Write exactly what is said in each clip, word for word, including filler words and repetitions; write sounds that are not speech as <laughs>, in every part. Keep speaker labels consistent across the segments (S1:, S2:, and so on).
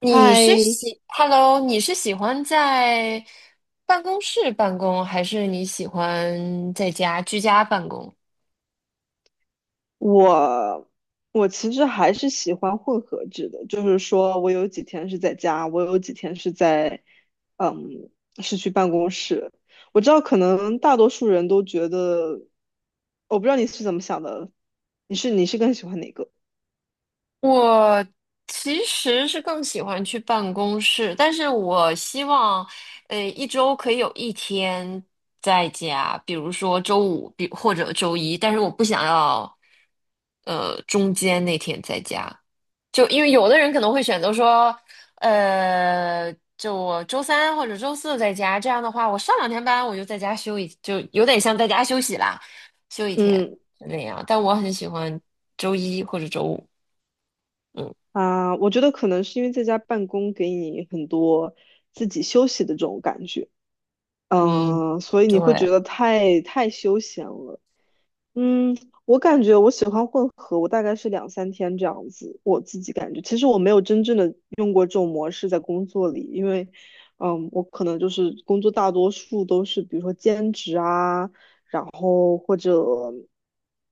S1: 你是
S2: 嗨，
S1: 喜，Hello，你是喜欢在办公室办公，还是你喜欢在家居家办公？
S2: 我我其实还是喜欢混合制的，就是说我有几天是在家，我有几天是在，嗯，是去办公室。我知道可能大多数人都觉得，我不知道你是怎么想的，你是你是更喜欢哪个？
S1: 我其实是更喜欢去办公室，但是我希望，呃，一周可以有一天在家，比如说周五，比或者周一，但是我不想要，呃，中间那天在家。就因为有的人可能会选择说，呃，就我周三或者周四在家，这样的话，我上两天班我就在家休一，就有点像在家休息啦，休一天
S2: 嗯
S1: 就那样。但我很喜欢周一或者周五。嗯
S2: 啊，我觉得可能是因为在家办公给你很多自己休息的这种感觉，
S1: 嗯，
S2: 嗯，所以你会
S1: 对，
S2: 觉得太太休闲了。嗯，我感觉我喜欢混合，我大概是两三天这样子。我自己感觉，其实我没有真正的用过这种模式在工作里，因为，嗯，我可能就是工作大多数都是比如说兼职啊，然后或者，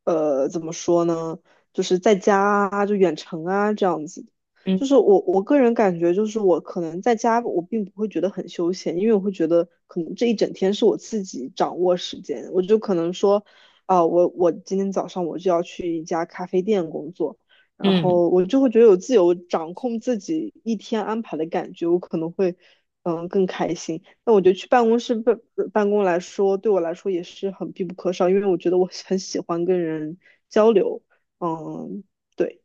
S2: 呃，怎么说呢，就是在家啊，就远程啊这样子。
S1: 嗯
S2: 就是我我个人感觉，就是我可能在家我并不会觉得很休闲，因为我会觉得可能这一整天是我自己掌握时间，我就可能说。啊，我我今天早上我就要去一家咖啡店工作，然
S1: 嗯。
S2: 后我就会觉得有自由掌控自己一天安排的感觉，我可能会嗯更开心。那我觉得去办公室办办公来说，对我来说也是很必不可少，因为我觉得我很喜欢跟人交流。嗯，对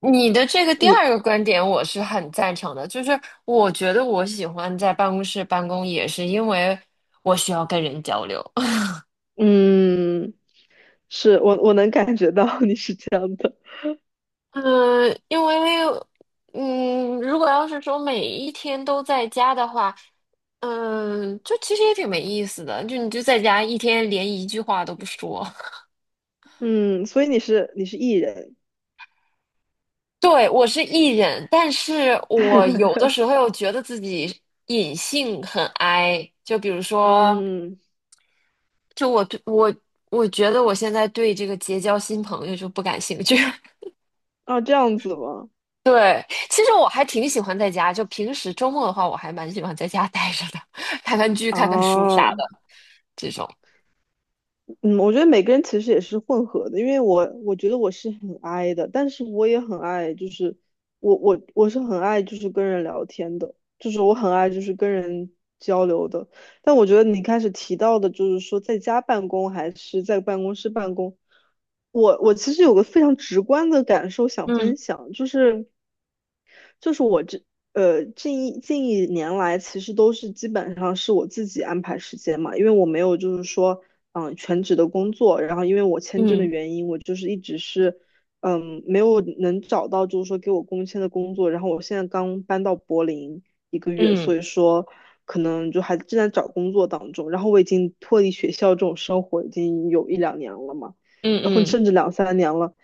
S1: 你的这个第
S2: 你，
S1: 二个观点，我是很赞成的。就是我觉得我喜欢在办公室办公，也是因为我需要跟人交流。
S2: 嗯，是我我能感觉到 <laughs> 你是这样的，
S1: 嗯，因为嗯，如果要是说每一天都在家的话，嗯，就其实也挺没意思的，就你就在家一天连一句话都不说。
S2: 嗯，所以你是你是 E 人，
S1: <laughs> 对，我是 E 人，但是我有的
S2: <laughs>
S1: 时候又觉得自己隐性很 I，就比如说，
S2: 嗯，
S1: 就我对我我觉得我现在对这个结交新朋友就不感兴趣。<laughs>
S2: 啊这样子吗？
S1: 对，其实我还挺喜欢在家，就平时周末的话，我还蛮喜欢在家待着的，<laughs> 看看剧、看看书啥
S2: 哦，
S1: 的这种。
S2: 嗯，我觉得每个人其实也是混合的，因为我我觉得我是很 I 的，但是我也很爱，就是我我我是很爱就是跟人聊天的，就是我很爱就是跟人交流的。但我觉得你开始提到的，就是说在家办公还是在办公室办公，我我其实有个非常直观的感受想
S1: 嗯
S2: 分享，就是。就是我这呃近一近一年来，其实都是基本上是我自己安排时间嘛，因为我没有就是说嗯、呃全职的工作，然后因为我签证的
S1: 嗯
S2: 原因，我就是一直是嗯没有能找到就是说给我工签的工作，然后我现在刚搬到柏林一个月，所
S1: 嗯
S2: 以说可能就还正在找工作当中，然后我已经脱离学校这种生活已经有一两年了嘛，
S1: 嗯
S2: 然后
S1: 嗯
S2: 甚至两三年了。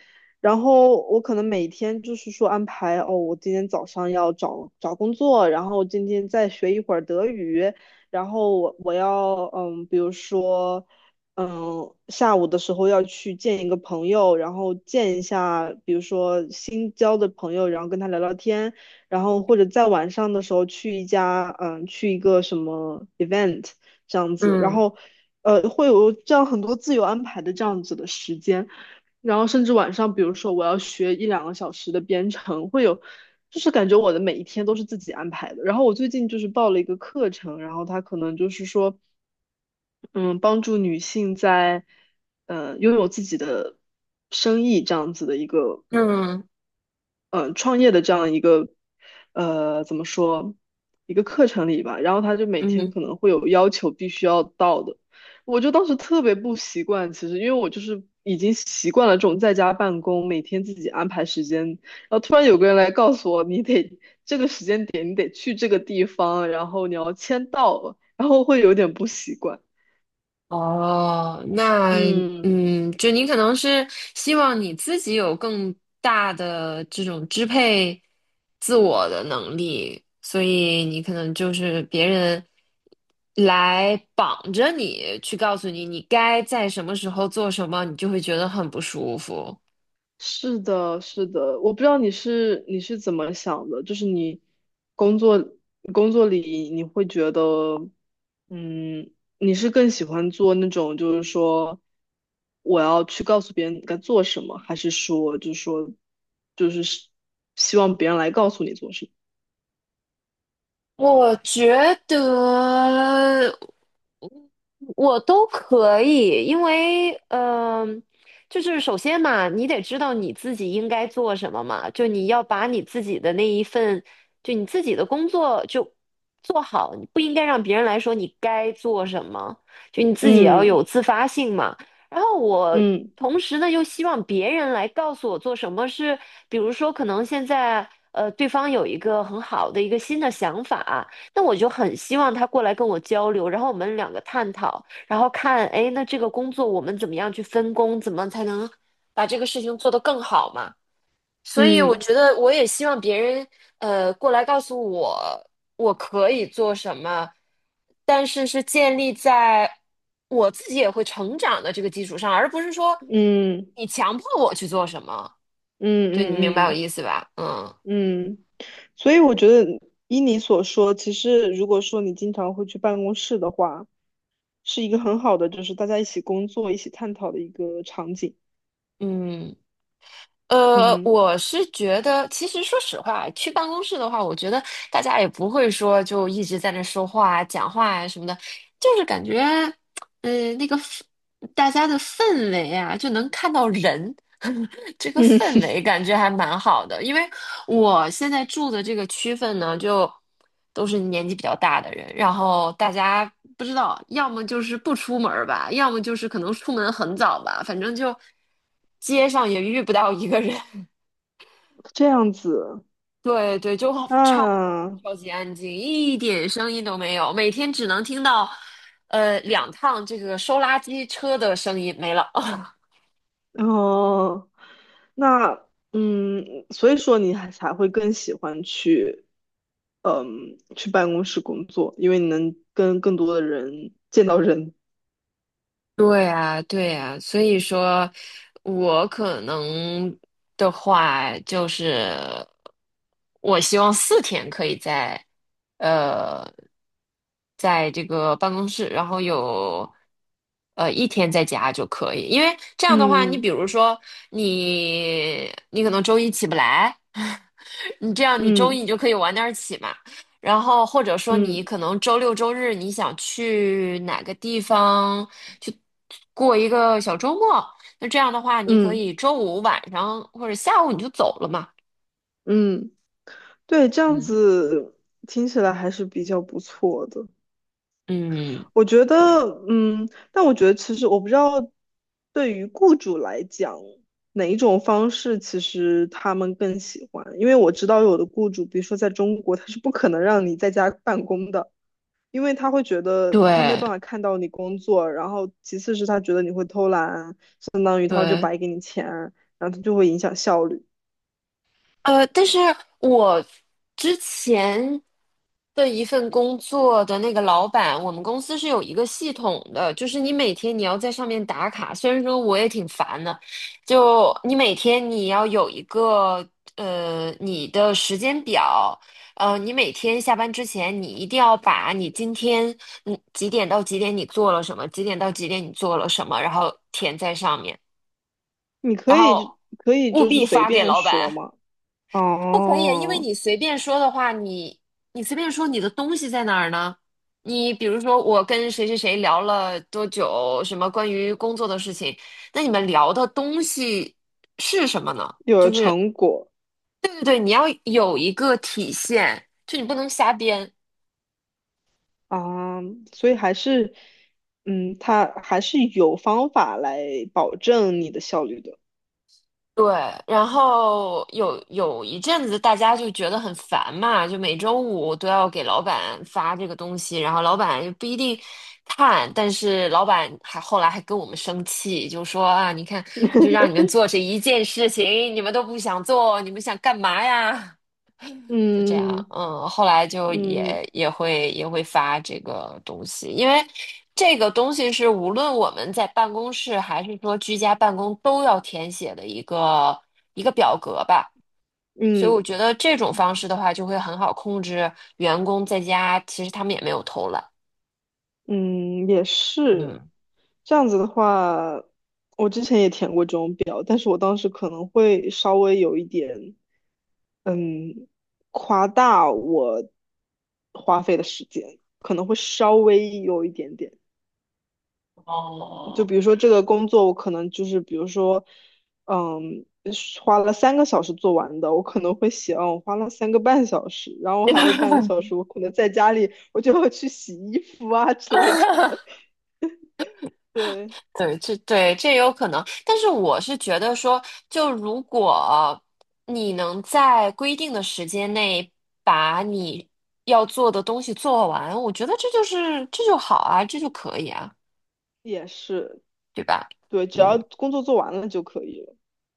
S2: 然后我可能每天就是说安排哦，我今天早上要找找工作，然后今天再学一会儿德语，然后我我要嗯，比如说嗯，下午的时候要去见一个朋友，然后见一下比如说新交的朋友，然后跟他聊聊天，然后或者在晚上的时候去一家嗯，去一个什么 event 这样子，然
S1: 嗯
S2: 后呃，会有这样很多自由安排的这样子的时间。然后甚至晚上，比如说我要学一两个小时的编程，会有，就是感觉我的每一天都是自己安排的。然后我最近就是报了一个课程，然后他可能就是说，嗯，帮助女性在，呃，拥有自己的生意这样子的一个
S1: 嗯嗯嗯。
S2: 嗯，呃创业的这样一个呃怎么说一个课程里吧，然后他就每
S1: 嗯
S2: 天
S1: 嗯
S2: 可能会有要求必须要到的，我就当时特别不习惯，其实因为我就是已经习惯了这种在家办公，每天自己安排时间，然后突然有个人来告诉我，你得这个时间点你得去这个地方，然后你要签到，然后会有点不习惯，
S1: 哦，那
S2: 嗯。
S1: 嗯，就你可能是希望你自己有更大的这种支配自我的能力，所以你可能就是别人来绑着你去告诉你你该在什么时候做什么，你就会觉得很不舒服。
S2: 是的，是的，我不知道你是你是怎么想的，就是你工作工作里你会觉得，嗯，你是更喜欢做那种就是说我要去告诉别人该做什么，还是说就是说就是希希望别人来告诉你做什么？
S1: 我觉得。我都可以，因为嗯、就是首先嘛，你得知道你自己应该做什么嘛，就你要把你自己的那一份，就你自己的工作就做好，你不应该让别人来说你该做什么，就你自己要
S2: 嗯
S1: 有自发性嘛。然后我
S2: 嗯
S1: 同时呢，又希望别人来告诉我做什么是，比如说可能现在呃，对方有一个很好的一个新的想法。那我就很希望他过来跟我交流，然后我们两个探讨，然后看，哎，那这个工作我们怎么样去分工，怎么才能把这个事情做得更好嘛？所以我
S2: 嗯
S1: 觉得我也希望别人呃过来告诉我我可以做什么，但是是建立在我自己也会成长的这个基础上，而不是说
S2: 嗯
S1: 你强迫我去做什么。
S2: 嗯
S1: 对，你明白我
S2: 嗯
S1: 意
S2: 嗯
S1: 思吧？嗯
S2: 嗯，所以我觉得依你所说，其实如果说你经常会去办公室的话，是一个很好的，就是大家一起工作、一起探讨的一个场景。
S1: 嗯。呃，
S2: 嗯
S1: 我是觉得，其实说实话，去办公室的话，我觉得大家也不会说就一直在那说话啊、讲话呀、什么的，就是感觉，嗯、那个氛大家的氛围啊，就能看到人，<laughs> 这个
S2: 嗯，
S1: 氛
S2: <laughs>
S1: 围感觉还蛮好的，因为我现在住的这个区份呢，就都是年纪比较大的人，然后大家不知道，要么就是不出门儿吧，要么就是可能出门很早吧，反正就街上也遇不到一个人。<laughs>
S2: 这样子
S1: 对对，就超
S2: 啊，
S1: 超级安静，一点声音都没有，每天只能听到呃两趟这个收垃圾车的声音没了。
S2: 哦，那嗯，所以说你还才会更喜欢去，嗯，去办公室工作，因为你能跟更多的人见到人。
S1: 对啊，对啊，所以说，我可能的话就是，我希望四天可以在，呃，在这个办公室，然后有，呃，一天在家就可以，因为这样的话，你
S2: 嗯
S1: 比如说你，你可能周一起不来，你这样，你周一
S2: 嗯
S1: 你就可以晚点儿起嘛，然后或者说你
S2: 嗯
S1: 可能周六周日你想去哪个地方去过一个小周末，那这样的话，你可
S2: 嗯
S1: 以周五晚上或者下午你就走了嘛。
S2: 嗯，对，这样
S1: 嗯，
S2: 子听起来还是比较不错的。
S1: 嗯，
S2: 我觉得，
S1: 对，
S2: 嗯，但我觉得其实我不知道，对于雇主来讲，哪一种方式其实他们更喜欢？因为我知道有的雇主，比如说在中国，他是不可能让你在家办公的，因为他会觉得他没有
S1: 对
S2: 办法看到你工作，然后其次是他觉得你会偷懒，相当于他就
S1: 对，
S2: 白给你钱，然后他就会影响效率。
S1: 呃，但是我之前的一份工作的那个老板，我们公司是有一个系统的，就是你每天你要在上面打卡。虽然说我也挺烦的，就你每天你要有一个呃你的时间表，呃，你每天下班之前你一定要把你今天嗯几点到几点你做了什么，几点到几点你做了什么，然后填在上面，
S2: 你可
S1: 然
S2: 以
S1: 后
S2: 可以
S1: 务
S2: 就是
S1: 必
S2: 随
S1: 发给
S2: 便
S1: 老
S2: 说
S1: 板。
S2: 嘛，
S1: 不可以啊，因为
S2: 哦，
S1: 你随便说的话，你你随便说你的东西在哪儿呢？你比如说，我跟谁谁谁聊了多久，什么关于工作的事情，那你们聊的东西是什么呢？
S2: 有了
S1: 就是
S2: 成果。
S1: 对对对，你要有一个体现，就你不能瞎编。
S2: 啊，所以还是，嗯，他还是有方法来保证你的效率的。
S1: 对，然后有有一阵子大家就觉得很烦嘛，就每周五都要给老板发这个东西，然后老板又不一定看，但是老板还后来还跟我们生气，就说啊，你看，我就让你们做这一件事情，你们都不想做，你们想干嘛呀？就这样，
S2: 嗯
S1: 嗯，后来就
S2: 嗯
S1: 也也会也会发这个东西，因为这个东西是无论我们在办公室还是说居家办公都要填写的一个一个表格吧，所以
S2: 嗯
S1: 我觉得这种方式的话就会很好控制员工在家，其实他们也没有偷懒，
S2: 嗯，也是。
S1: 嗯，
S2: 这样子的话，但是我当时可能会稍微有一点，嗯，夸大我花费的时间，可能会稍微有一点点。就
S1: 哦，
S2: 比如说这个工作，我可能就是比如说，嗯，是花了三个小时做完的，我可能会写，嗯，我花了三个半小时，然后还有半个小
S1: <laughs>
S2: 时，我可能在家里，我就要去洗衣服啊之类的。对，
S1: 对，这对这也有可能，但是我是觉得说，就如果你能在规定的时间内把你要做的东西做完，我觉得这就是这就好啊，这就可以啊，
S2: 也是，
S1: 对吧？
S2: 对，只要
S1: 嗯，
S2: 工作做完了就可以了。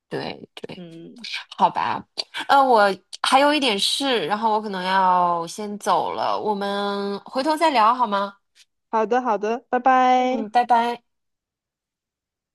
S1: 对对，
S2: 嗯，
S1: 好吧。呃，我还有一点事，然后我可能要先走了，我们回头再聊好吗？
S2: 好的，好的，拜拜。
S1: 嗯，拜拜。